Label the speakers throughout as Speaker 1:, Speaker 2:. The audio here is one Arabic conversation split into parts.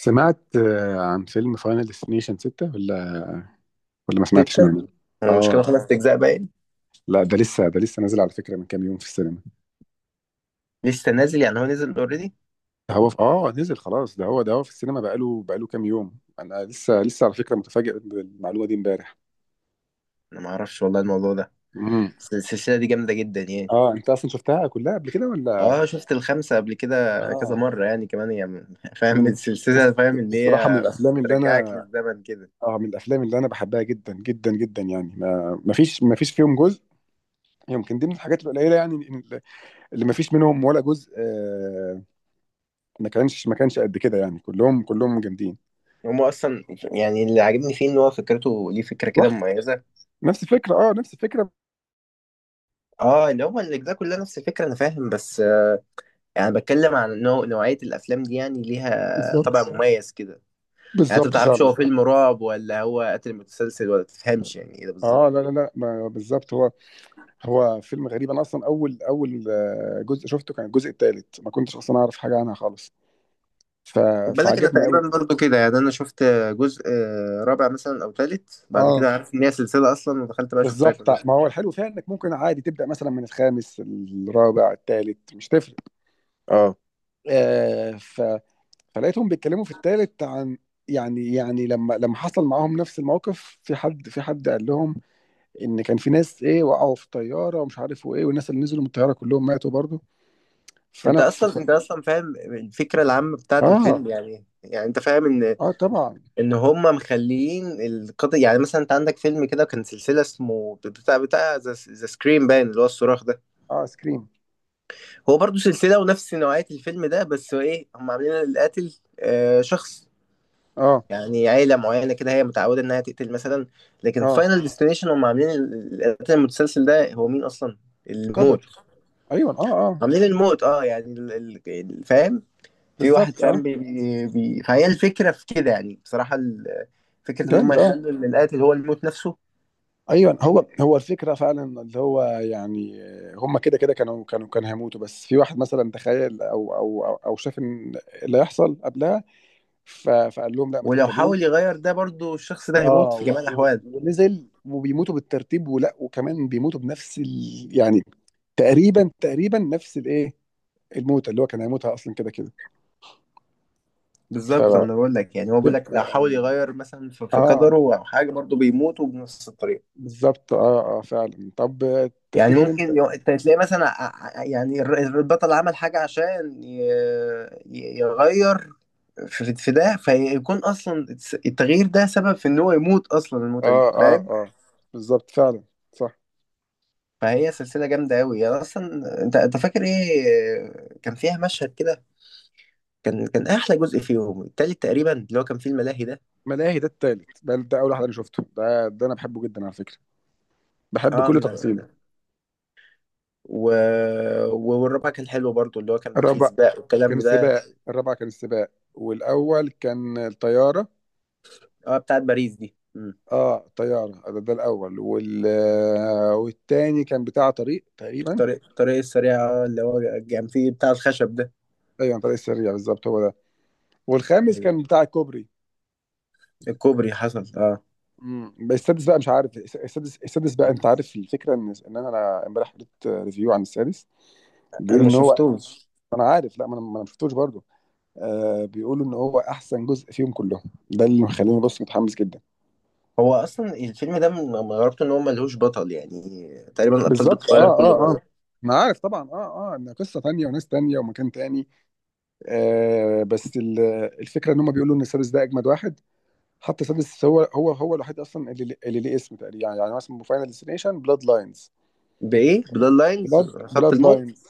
Speaker 1: سمعت عن فيلم فاينل ديستنيشن 6 ولا ما سمعتش
Speaker 2: ستة
Speaker 1: منه؟
Speaker 2: هو مش كده
Speaker 1: اه،
Speaker 2: خمس أجزاء باين؟
Speaker 1: لا ده لسه نازل على فكرة من كام يوم في السينما.
Speaker 2: لسه نازل يعني، هو نزل اوريدي؟
Speaker 1: ده هو في... اه نزل خلاص، ده هو في السينما بقاله كام يوم. انا لسه على فكرة متفاجئ بالمعلومة دي امبارح.
Speaker 2: أنا ما أعرفش والله الموضوع ده.
Speaker 1: امم.
Speaker 2: بس السلسلة دي جامدة جدا يعني.
Speaker 1: اه، انت اصلا شفتها كلها قبل كده ولا؟
Speaker 2: اه، شفت الخمسة قبل كده كذا
Speaker 1: اه،
Speaker 2: مرة يعني، كمان يعني. فاهم
Speaker 1: من
Speaker 2: السلسلة،
Speaker 1: بس-
Speaker 2: فاهم اللي
Speaker 1: الصراحة من
Speaker 2: هي
Speaker 1: الافلام اللي انا،
Speaker 2: بترجعك للزمن كده.
Speaker 1: اه، من الافلام اللي انا بحبها جدا جدا جدا. يعني ما فيش فيهم جزء، يمكن دي من الحاجات القليلة، يعني اللي ما فيش منهم ولا جزء، ما كانش قد كده. يعني كلهم جامدين.
Speaker 2: هما اصلا يعني اللي عاجبني فيه ان هو فكرته، ليه فكره كده
Speaker 1: رحت
Speaker 2: مميزه.
Speaker 1: نفس الفكره، اه، نفس الفكره.
Speaker 2: اه، اللي هو الاجزاء كلها نفس الفكره، انا فاهم، بس يعني بتكلم عن نوعيه الافلام دي، يعني ليها
Speaker 1: بالظبط،
Speaker 2: طابع مميز كده. يعني انت ما
Speaker 1: بالظبط
Speaker 2: بتعرفش
Speaker 1: فعلا.
Speaker 2: هو فيلم رعب ولا هو قتل متسلسل، ولا تفهمش يعني ايه ده
Speaker 1: اه، لا
Speaker 2: بالظبط.
Speaker 1: لا لا، ما بالظبط، هو هو فيلم غريب. انا اصلا اول جزء شفته كان الجزء الثالث، ما كنتش اصلا اعرف حاجه عنها خالص. ف...
Speaker 2: خد بالك انا
Speaker 1: فعجبني قوي.
Speaker 2: تقريبا برضو كده، يعني انا شفت جزء رابع مثلا او تالت، بعد
Speaker 1: اه،
Speaker 2: كده عارف ان هي سلسله اصلا، ودخلت بقى شفتها
Speaker 1: بالظبط.
Speaker 2: كلها.
Speaker 1: ما هو الحلو فيها انك ممكن عادي تبدا مثلا من الخامس، الرابع، الثالث، مش تفرق.
Speaker 2: اه،
Speaker 1: آه ف... فلقيتهم بيتكلموا في الثالث عن، يعني، يعني لما حصل معاهم نفس الموقف، في حد قال لهم ان كان في ناس، ايه، وقعوا في الطياره ومش عارف وايه، والناس اللي نزلوا من الطياره كلهم ماتوا برضو.
Speaker 2: انت
Speaker 1: فانا
Speaker 2: اصلا
Speaker 1: ف...
Speaker 2: انت اصلا فاهم الفكره العامه بتاعت
Speaker 1: اه،
Speaker 2: الفيلم، يعني انت فاهم ان
Speaker 1: اه طبعا.
Speaker 2: ان هم مخليين القضيه. يعني مثلا انت عندك فيلم كده كان سلسله اسمه بتاع ذا سكريم باين، اللي هو الصراخ ده.
Speaker 1: اه سكريم.
Speaker 2: هو برضو سلسله، ونفس نوعيه الفيلم ده، بس هو ايه، هم عاملين القاتل شخص،
Speaker 1: اه،
Speaker 2: يعني عيلة معينة كده هي متعودة إنها تقتل مثلا. لكن
Speaker 1: اه،
Speaker 2: فاينل ديستنيشن هم عاملين القتل المتسلسل ده هو مين أصلا؟ الموت.
Speaker 1: قدر. ايوه، اه، اه،
Speaker 2: عاملين الموت اه، يعني فاهم؟ في واحد
Speaker 1: بالظبط،
Speaker 2: فاهم،
Speaker 1: اه.
Speaker 2: فهي الفكرة في كده، يعني بصراحة فكرة إن هم
Speaker 1: جامد، اه.
Speaker 2: يخلوا إن القاتل هو الموت نفسه.
Speaker 1: ايوه، هو هو الفكره فعلا، اللي هو يعني هم كده كده كانوا هيموتوا. بس في واحد مثلا تخيل، أو شاف ان اللي هيحصل قبلها، فقال لهم لا ما
Speaker 2: ولو حاول
Speaker 1: تركبوش.
Speaker 2: يغير ده، برضو الشخص ده هيموت
Speaker 1: اه،
Speaker 2: في
Speaker 1: و-
Speaker 2: جميع
Speaker 1: و-
Speaker 2: الأحوال.
Speaker 1: ونزل وبيموتوا بالترتيب، ولا وكمان بيموتوا بنفس يعني تقريبا، تقريبا نفس الموتة اللي هو كان هيموتها اصلا كده كده. ف
Speaker 2: بالظبط، أنا بقول لك، يعني هو بيقول لك لو حاول يغير مثلا في
Speaker 1: اه،
Speaker 2: قدره أو حاجة، برضو بيموت وبنفس الطريقة.
Speaker 1: بالظبط، اه اه فعلا. طب،
Speaker 2: يعني
Speaker 1: تفتكر انت؟
Speaker 2: ممكن انت تلاقي مثلا يعني البطل عمل حاجة عشان يغير في ده، فيكون اصلا التغيير ده سبب في ان هو يموت اصلا الموتة دي،
Speaker 1: اه اه
Speaker 2: فاهم.
Speaker 1: اه، بالظبط فعلا، صح.
Speaker 2: فهي سلسلة جامدة أوي يعني أصلا. أنت فاكر إيه كان فيها مشهد كده؟ كان أحلى جزء فيهم التالت تقريبا، اللي هو كان فيه الملاهي ده.
Speaker 1: ملاهي ده التالت ده, ده اول واحد انا شفته. ده ده انا بحبه جدا على فكرة، بحب
Speaker 2: أه،
Speaker 1: كل تفاصيله.
Speaker 2: و... والرابع كان حلو برضو، اللي هو كان فيه
Speaker 1: الرابع
Speaker 2: سباق
Speaker 1: كان
Speaker 2: والكلام ده.
Speaker 1: السباق، الرابع كان السباق، والاول كان الطيارة.
Speaker 2: أه، بتاعت باريس دي.
Speaker 1: اه، طيارة ده, ده الأول، والتاني كان بتاع طريق تقريبا.
Speaker 2: الطريق السريع اه، اللي هو كان فيه بتاع الخشب ده.
Speaker 1: أيوة، طريق السريع بالظبط هو ده. والخامس كان بتاع الكوبري.
Speaker 2: الكوبري، حصل اه.
Speaker 1: امم. بس السادس بقى مش عارف، السادس، السادس بقى. أنت عارف الفكرة إن أنا امبارح قريت ريفيو عن السادس؟
Speaker 2: انا
Speaker 1: بيقولوا
Speaker 2: ما
Speaker 1: إن هو،
Speaker 2: شفتوش.
Speaker 1: أنا عارف، لا ما أنا ما شفتوش برضه. آه، بيقولوا إن هو أحسن جزء فيهم كلهم. ده اللي مخليني بص متحمس جدا.
Speaker 2: هو اصلا الفيلم ده من غرابته ان هو ملهوش بطل يعني، تقريبا الابطال
Speaker 1: بالظبط اه
Speaker 2: بتتغير كل
Speaker 1: اه اه.
Speaker 2: مره.
Speaker 1: ما عارف طبعا، اه اه، إن قصة تانية وناس تانية ومكان تاني. آه بس ال- الفكره ان هم بيقولوا ان سادس ده اجمد واحد. حتى سادس هو الوحيد اصلا اللي اللي ليه اسم تقريبا. يعني يعني هو اسمه فاينل ديستنيشن بلاد لاينز.
Speaker 2: بايه، بلاد لاينز؟
Speaker 1: بلاد
Speaker 2: خط
Speaker 1: بلاد
Speaker 2: الموت.
Speaker 1: لاينز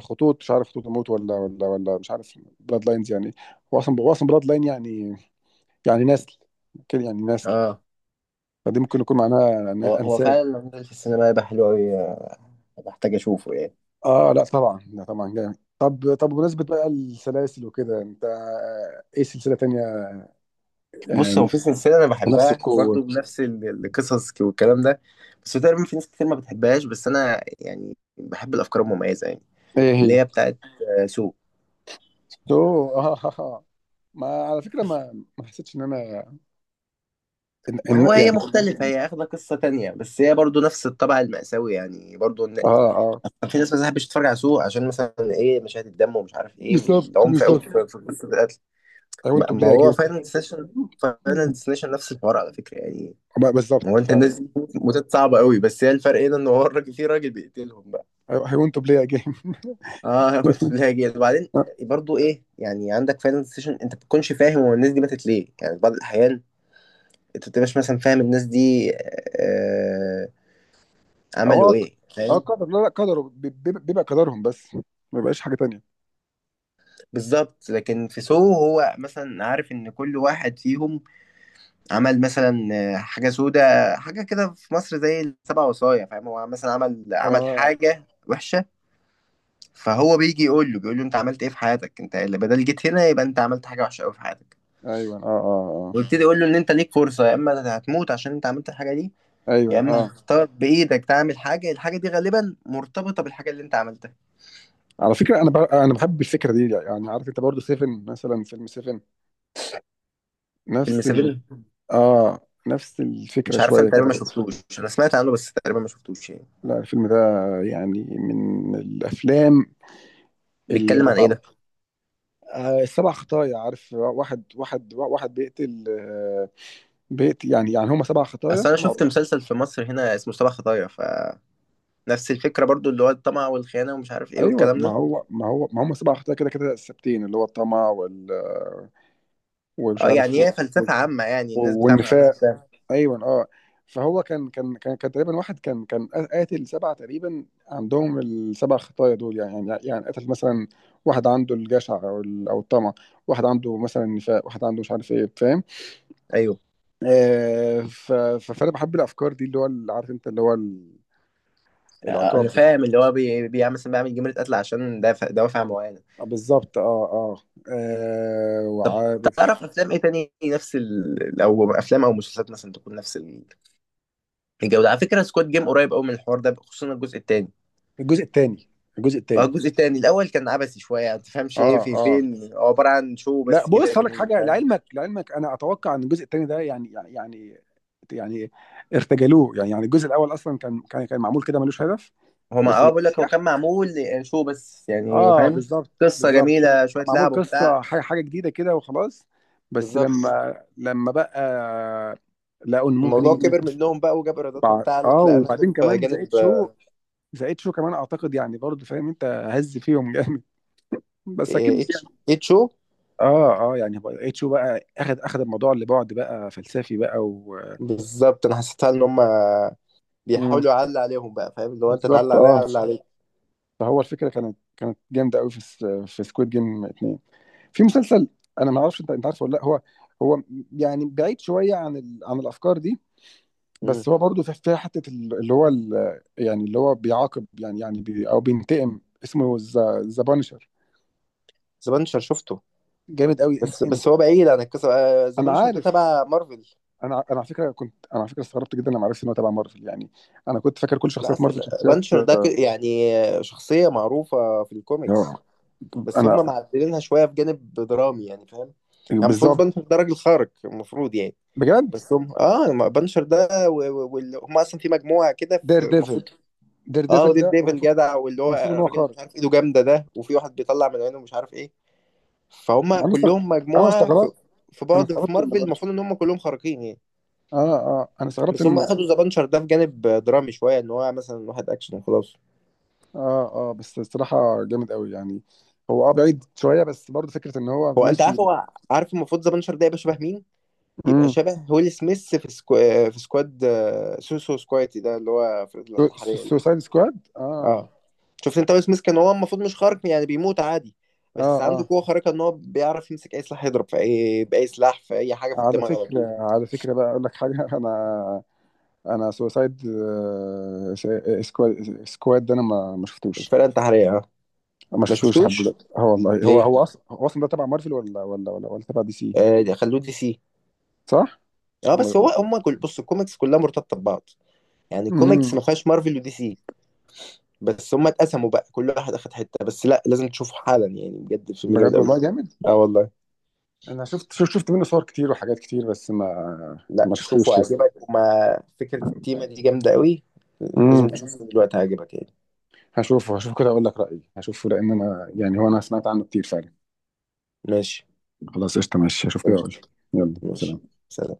Speaker 1: خطوط، مش عارف خطوط الموت، ولا ولا ولا مش عارف. بلاد لاينز يعني، هو اصلا، هو اصلا بلاد لاين يعني، يعني نسل كده، يعني نسل.
Speaker 2: اه،
Speaker 1: فدي ممكن يكون معناها
Speaker 2: هو
Speaker 1: انسان.
Speaker 2: فعلا، الراجل في السينما يبقى حلو قوي، بحتاج اشوفه يعني.
Speaker 1: اه لا طبعا، لا طبعا جامد. طب، طب بمناسبة بقى السلاسل وكده، انت، ايه سلسلة تانية؟
Speaker 2: بص، هو
Speaker 1: آه،
Speaker 2: في سلسله انا
Speaker 1: بنفس
Speaker 2: بحبها
Speaker 1: القوة.
Speaker 2: برضو بنفس القصص والكلام ده. بس هو تقريبا في ناس كتير ما بتحبهاش، بس انا يعني بحب الافكار المميزه يعني.
Speaker 1: ايه هي؟
Speaker 2: اللي هي بتاعت سو.
Speaker 1: تو. اه، ما على فكره، ما حسيتش ان انا إن
Speaker 2: ما
Speaker 1: إن
Speaker 2: هو هي
Speaker 1: يعني.
Speaker 2: مختلفة، هي اخدة قصة تانية، بس هي برضو نفس الطبع المأساوي، يعني برضو
Speaker 1: اه اه
Speaker 2: كان في ناس ما تحبش تتفرج على سوق عشان مثلا ايه، مشاهد الدم ومش عارف ايه،
Speaker 1: بالظبط
Speaker 2: والعنف قوي في
Speaker 1: بالظبط.
Speaker 2: في قصة القتل.
Speaker 1: I want
Speaker 2: ما
Speaker 1: to
Speaker 2: ما
Speaker 1: play a
Speaker 2: هو
Speaker 1: game.
Speaker 2: فاينل ديستنيشن، فاينل
Speaker 1: ب-
Speaker 2: ديستنيشن نفس الحوار على فكرة يعني. هو
Speaker 1: بالظبط
Speaker 2: انت الناس
Speaker 1: فعلا.
Speaker 2: دي موتات صعبة قوي، بس هي الفرق هنا ان هو الراجل، في راجل بيقتلهم بقى.
Speaker 1: I want to play a game
Speaker 2: اه، قلت لها جيل وبعدين. برضو ايه يعني، عندك فاينل ديستنيشن انت ما بتكونش فاهم هو الناس دي ماتت ليه يعني، في بعض الاحيان انت ما بتبقاش مثلا فاهم الناس دي آه، عملوا
Speaker 1: هو،
Speaker 2: ايه،
Speaker 1: اه
Speaker 2: فاهم.
Speaker 1: قدر، لا لا، قدره، بيبقى قدرهم، بس ما بيبقاش حاجه تانية.
Speaker 2: بالظبط، لكن في سو هو مثلا عارف ان كل واحد فيهم عمل مثلا حاجه سودة، حاجه كده في مصر زي السبع وصايا، فاهم، هو مثلا عمل
Speaker 1: اه
Speaker 2: حاجه وحشه. فهو بيجي يقول له بيقول له انت عملت ايه في حياتك، انت اللي بدل جيت هنا، يبقى انت عملت حاجه وحشه قوي في حياتك.
Speaker 1: ايوه اه اه
Speaker 2: ويبتدي يقول له ان انت ليك فرصه، يا اما هتموت عشان انت عملت الحاجه دي،
Speaker 1: اه
Speaker 2: يا
Speaker 1: ايوه
Speaker 2: اما
Speaker 1: اه.
Speaker 2: هتختار بايدك تعمل حاجه، الحاجه دي غالبا مرتبطه بالحاجه اللي انت عملتها.
Speaker 1: على فكره، انا بحب الفكره دي. يعني عارف انت برضو سيفن، مثلا فيلم سيفن.
Speaker 2: فيلم
Speaker 1: نفس ال،
Speaker 2: سيفن،
Speaker 1: اه، نفس الفكره
Speaker 2: مش عارف، انا
Speaker 1: شويه
Speaker 2: تقريبا
Speaker 1: كده.
Speaker 2: ما شفتوش، انا سمعت عنه بس تقريبا ما شفتوش يعني.
Speaker 1: لا، الفيلم ده يعني من الافلام اللي
Speaker 2: بيتكلم
Speaker 1: ما
Speaker 2: عن ايه
Speaker 1: تعمل...
Speaker 2: ده؟
Speaker 1: آه، السبع خطايا. عارف، واحد واحد واحد بيقتل، آه، بيقتل يعني. يعني هم سبع خطايا
Speaker 2: اصل انا شفت
Speaker 1: معروف.
Speaker 2: مسلسل في مصر هنا اسمه سبع خطايا، فنفس الفكره برضو، اللي هو الطمع والخيانه ومش عارف ايه
Speaker 1: ايوه،
Speaker 2: والكلام
Speaker 1: ما
Speaker 2: ده.
Speaker 1: هو ما هو ما هم سبع خطايا كده كده ثابتين، اللي هو الطمع، وال، آه، ومش
Speaker 2: اه،
Speaker 1: عارف
Speaker 2: يعني
Speaker 1: و...
Speaker 2: هي
Speaker 1: و...
Speaker 2: فلسفه عامه يعني، الناس بتعمل عنها
Speaker 1: والنفاق.
Speaker 2: افلام.
Speaker 1: ايوه اه. فهو كان تقريبا، واحد كان قاتل سبعه تقريبا، عندهم السبع خطايا دول. يعني يعني يعني قتل مثلا واحد عنده الجشع، او الطمع، واحد عنده مثلا النفاق، واحد عنده مش عارف ايه، فاهم؟
Speaker 2: ايوه.
Speaker 1: فانا بحب الافكار دي، اللي هو عارف انت اللي هو
Speaker 2: انا
Speaker 1: العقاب ده.
Speaker 2: فاهم اللي هو بيعمل مثلا، بيعمل جمله قتل عشان دوافع معينه.
Speaker 1: بالظبط اه اه. وعارف،
Speaker 2: تعرف افلام ايه تاني نفس او افلام او مسلسلات مثلا تكون نفس الجوده؟ على فكره سكواد جيم قريب قوي من الحوار ده، خصوصا الجزء التاني.
Speaker 1: الجزء الثاني، الجزء
Speaker 2: اه،
Speaker 1: الثاني،
Speaker 2: الجزء التاني، الاول كان عبثي شويه، ما تفهمش ايه
Speaker 1: اه
Speaker 2: في
Speaker 1: اه.
Speaker 2: فين، هو عباره عن شو
Speaker 1: لا
Speaker 2: بس كده
Speaker 1: بص هقول لك
Speaker 2: جميل،
Speaker 1: حاجه،
Speaker 2: فاهم.
Speaker 1: لعلمك، لعلمك انا اتوقع ان الجزء الثاني ده يعني يعني يعني يعني ارتجلوه. يعني يعني الجزء الاول اصلا كان معمول كده ملوش هدف،
Speaker 2: هو ما
Speaker 1: بس لما
Speaker 2: بقول لك هو
Speaker 1: نجح.
Speaker 2: كان معمول شو بس يعني،
Speaker 1: اه
Speaker 2: فاهم.
Speaker 1: بالظبط
Speaker 2: قصه
Speaker 1: بالظبط. كان
Speaker 2: جميله
Speaker 1: كان
Speaker 2: شويه
Speaker 1: معمول
Speaker 2: لعب
Speaker 1: قصه،
Speaker 2: وبتاع.
Speaker 1: حاجه، حاجه جديده كده وخلاص. بس
Speaker 2: بالظبط.
Speaker 1: لما بقى لقوا ان ممكن يجي
Speaker 2: الموضوع
Speaker 1: منه
Speaker 2: كبر
Speaker 1: قرش.
Speaker 2: منهم بقى وجاب ايرادات وبتاع، قال لك لا ناخده
Speaker 1: وبعدين
Speaker 2: في
Speaker 1: كمان زائد
Speaker 2: جانب
Speaker 1: شو، زائد شو كمان اعتقد، يعني برضه فاهم انت، هز فيهم جامد بس اكيد.
Speaker 2: HHO.
Speaker 1: اه اه، يعني اتشو بقى، اخد اخد الموضوع لبعد بقى فلسفي بقى و...
Speaker 2: بالظبط، انا حسيتها ان هم
Speaker 1: مم.
Speaker 2: بيحاولوا يعلى عليهم بقى، فاهم، اللي هو انت تعلى
Speaker 1: بالظبط
Speaker 2: عليا،
Speaker 1: اه.
Speaker 2: عليك.
Speaker 1: فهو الفكره كانت جامده قوي في سكويد جيم اتنين. في مسلسل، انا ما اعرفش انت، انت عارفه ولا لا؟ هو، هو يعني بعيد شويه عن عن الافكار دي. بس
Speaker 2: امم.
Speaker 1: هو برضه في في حته اللي هو يعني اللي هو بيعاقب، يعني يعني او بينتقم. اسمه ذا بانشر.
Speaker 2: زبانشر شفته.
Speaker 1: جامد قوي انت
Speaker 2: بس
Speaker 1: انت،
Speaker 2: بس هو بعيد عن القصه،
Speaker 1: انا
Speaker 2: زبانشر ده
Speaker 1: عارف.
Speaker 2: تبع مارفل.
Speaker 1: انا انا على فكره كنت، انا على فكره استغربت جدا لما عرفت ان هو تبع مارفل. يعني انا كنت فاكر كل
Speaker 2: لا،
Speaker 1: شخصيات مارفل
Speaker 2: اصلا
Speaker 1: شخصيات،
Speaker 2: بانشر ده يعني شخصيه معروفه في الكوميكس.
Speaker 1: آه،
Speaker 2: بس هم
Speaker 1: انا،
Speaker 2: معدلينها شويه في جانب درامي يعني، فاهم يعني. المفروض
Speaker 1: بالظبط،
Speaker 2: بنشر ده راجل خارق المفروض يعني.
Speaker 1: بجد.
Speaker 2: بس هم ما بنشر ده واللي هم اصلا في مجموعه كده،
Speaker 1: دير
Speaker 2: في المفروض.
Speaker 1: ديفل، دير
Speaker 2: اه،
Speaker 1: ديفل
Speaker 2: وديد
Speaker 1: ده
Speaker 2: ديفل
Speaker 1: المفروض،
Speaker 2: جدع، واللي هو
Speaker 1: المفروض ان هو
Speaker 2: الراجل
Speaker 1: خارق.
Speaker 2: مش عارف، ايده جامده ده، وفي واحد بيطلع من عينه مش عارف ايه. فهم
Speaker 1: ما انا استغ-
Speaker 2: كلهم
Speaker 1: انا
Speaker 2: مجموعه
Speaker 1: استغربت،
Speaker 2: في
Speaker 1: انا
Speaker 2: بعض، في
Speaker 1: استغربت ان
Speaker 2: مارفل
Speaker 1: بانش،
Speaker 2: المفروض ان هم كلهم خارقين يعني.
Speaker 1: اه اه، انا استغربت
Speaker 2: بس هم
Speaker 1: ان،
Speaker 2: اخدوا ذا بنشر ده في جانب درامي شويه، ان هو مثلا واحد اكشن وخلاص.
Speaker 1: اه اه. بس الصراحه جامد قوي يعني. هو اه بعيد شويه بس برضه فكره ان هو
Speaker 2: هو انت عارف،
Speaker 1: ماشي.
Speaker 2: هو عارف المفروض ذا بنشر ده يبقى شبه مين؟ يبقى
Speaker 1: امم.
Speaker 2: شبه ويل سميث في في سكواد، سكواتي ده، اللي هو في الانتحارية ده.
Speaker 1: سوسايد سكواد، اه
Speaker 2: اه، شفت انت ويل سميث كان هو المفروض مش خارق، يعني بيموت عادي،
Speaker 1: اه
Speaker 2: بس عنده
Speaker 1: اه.
Speaker 2: قوة خارقة ان هو بيعرف يمسك اي سلاح، يضرب في بأي سلاح في اي حاجة في
Speaker 1: على
Speaker 2: الدماغ على طول.
Speaker 1: فكره، على فكره بقى اقول لك حاجه انا، انا سوسايد، سكواد ده انا ما شفتوش.
Speaker 2: الفرقة انتحارية اه.
Speaker 1: ما
Speaker 2: ما
Speaker 1: شفتوش لحد
Speaker 2: شفتوش.
Speaker 1: دلوقتي. اه والله، هو
Speaker 2: ليه؟
Speaker 1: هو اصلا، هو اصلا ده تبع مارفل، ولا تبع دي سي؟
Speaker 2: آه ده خلوه دي سي.
Speaker 1: صح؟
Speaker 2: اه،
Speaker 1: م-
Speaker 2: بس هو هم كل، بص الكوميكس كلها مرتبطة ببعض، يعني الكوميكس
Speaker 1: امم.
Speaker 2: ما فيهاش مارفل ودي سي، بس هم اتقسموا بقى كل واحد اخد حتة، بس لا، لازم تشوفه حالا يعني، بجد الفيلم جامد
Speaker 1: بجد
Speaker 2: قوي.
Speaker 1: والله جامد.
Speaker 2: اه والله.
Speaker 1: انا شفت منه صور كتير وحاجات كتير، بس ما،
Speaker 2: لا
Speaker 1: ما
Speaker 2: شوفه
Speaker 1: شفتوش لسه.
Speaker 2: هيعجبك، وما فكرة التيمة دي جامدة قوي، لازم
Speaker 1: امم.
Speaker 2: تشوفه دلوقتي هيعجبك يعني.
Speaker 1: هشوفه، هشوف كده اقول لك رايي. هشوفه لان انا، يعني هو، انا سمعت عنه كتير فعلا.
Speaker 2: ماشي،
Speaker 1: خلاص قشطه، ماشي، هشوف كده
Speaker 2: ماشي،
Speaker 1: اقول لك. يلا
Speaker 2: ماشي.
Speaker 1: سلام.
Speaker 2: سلام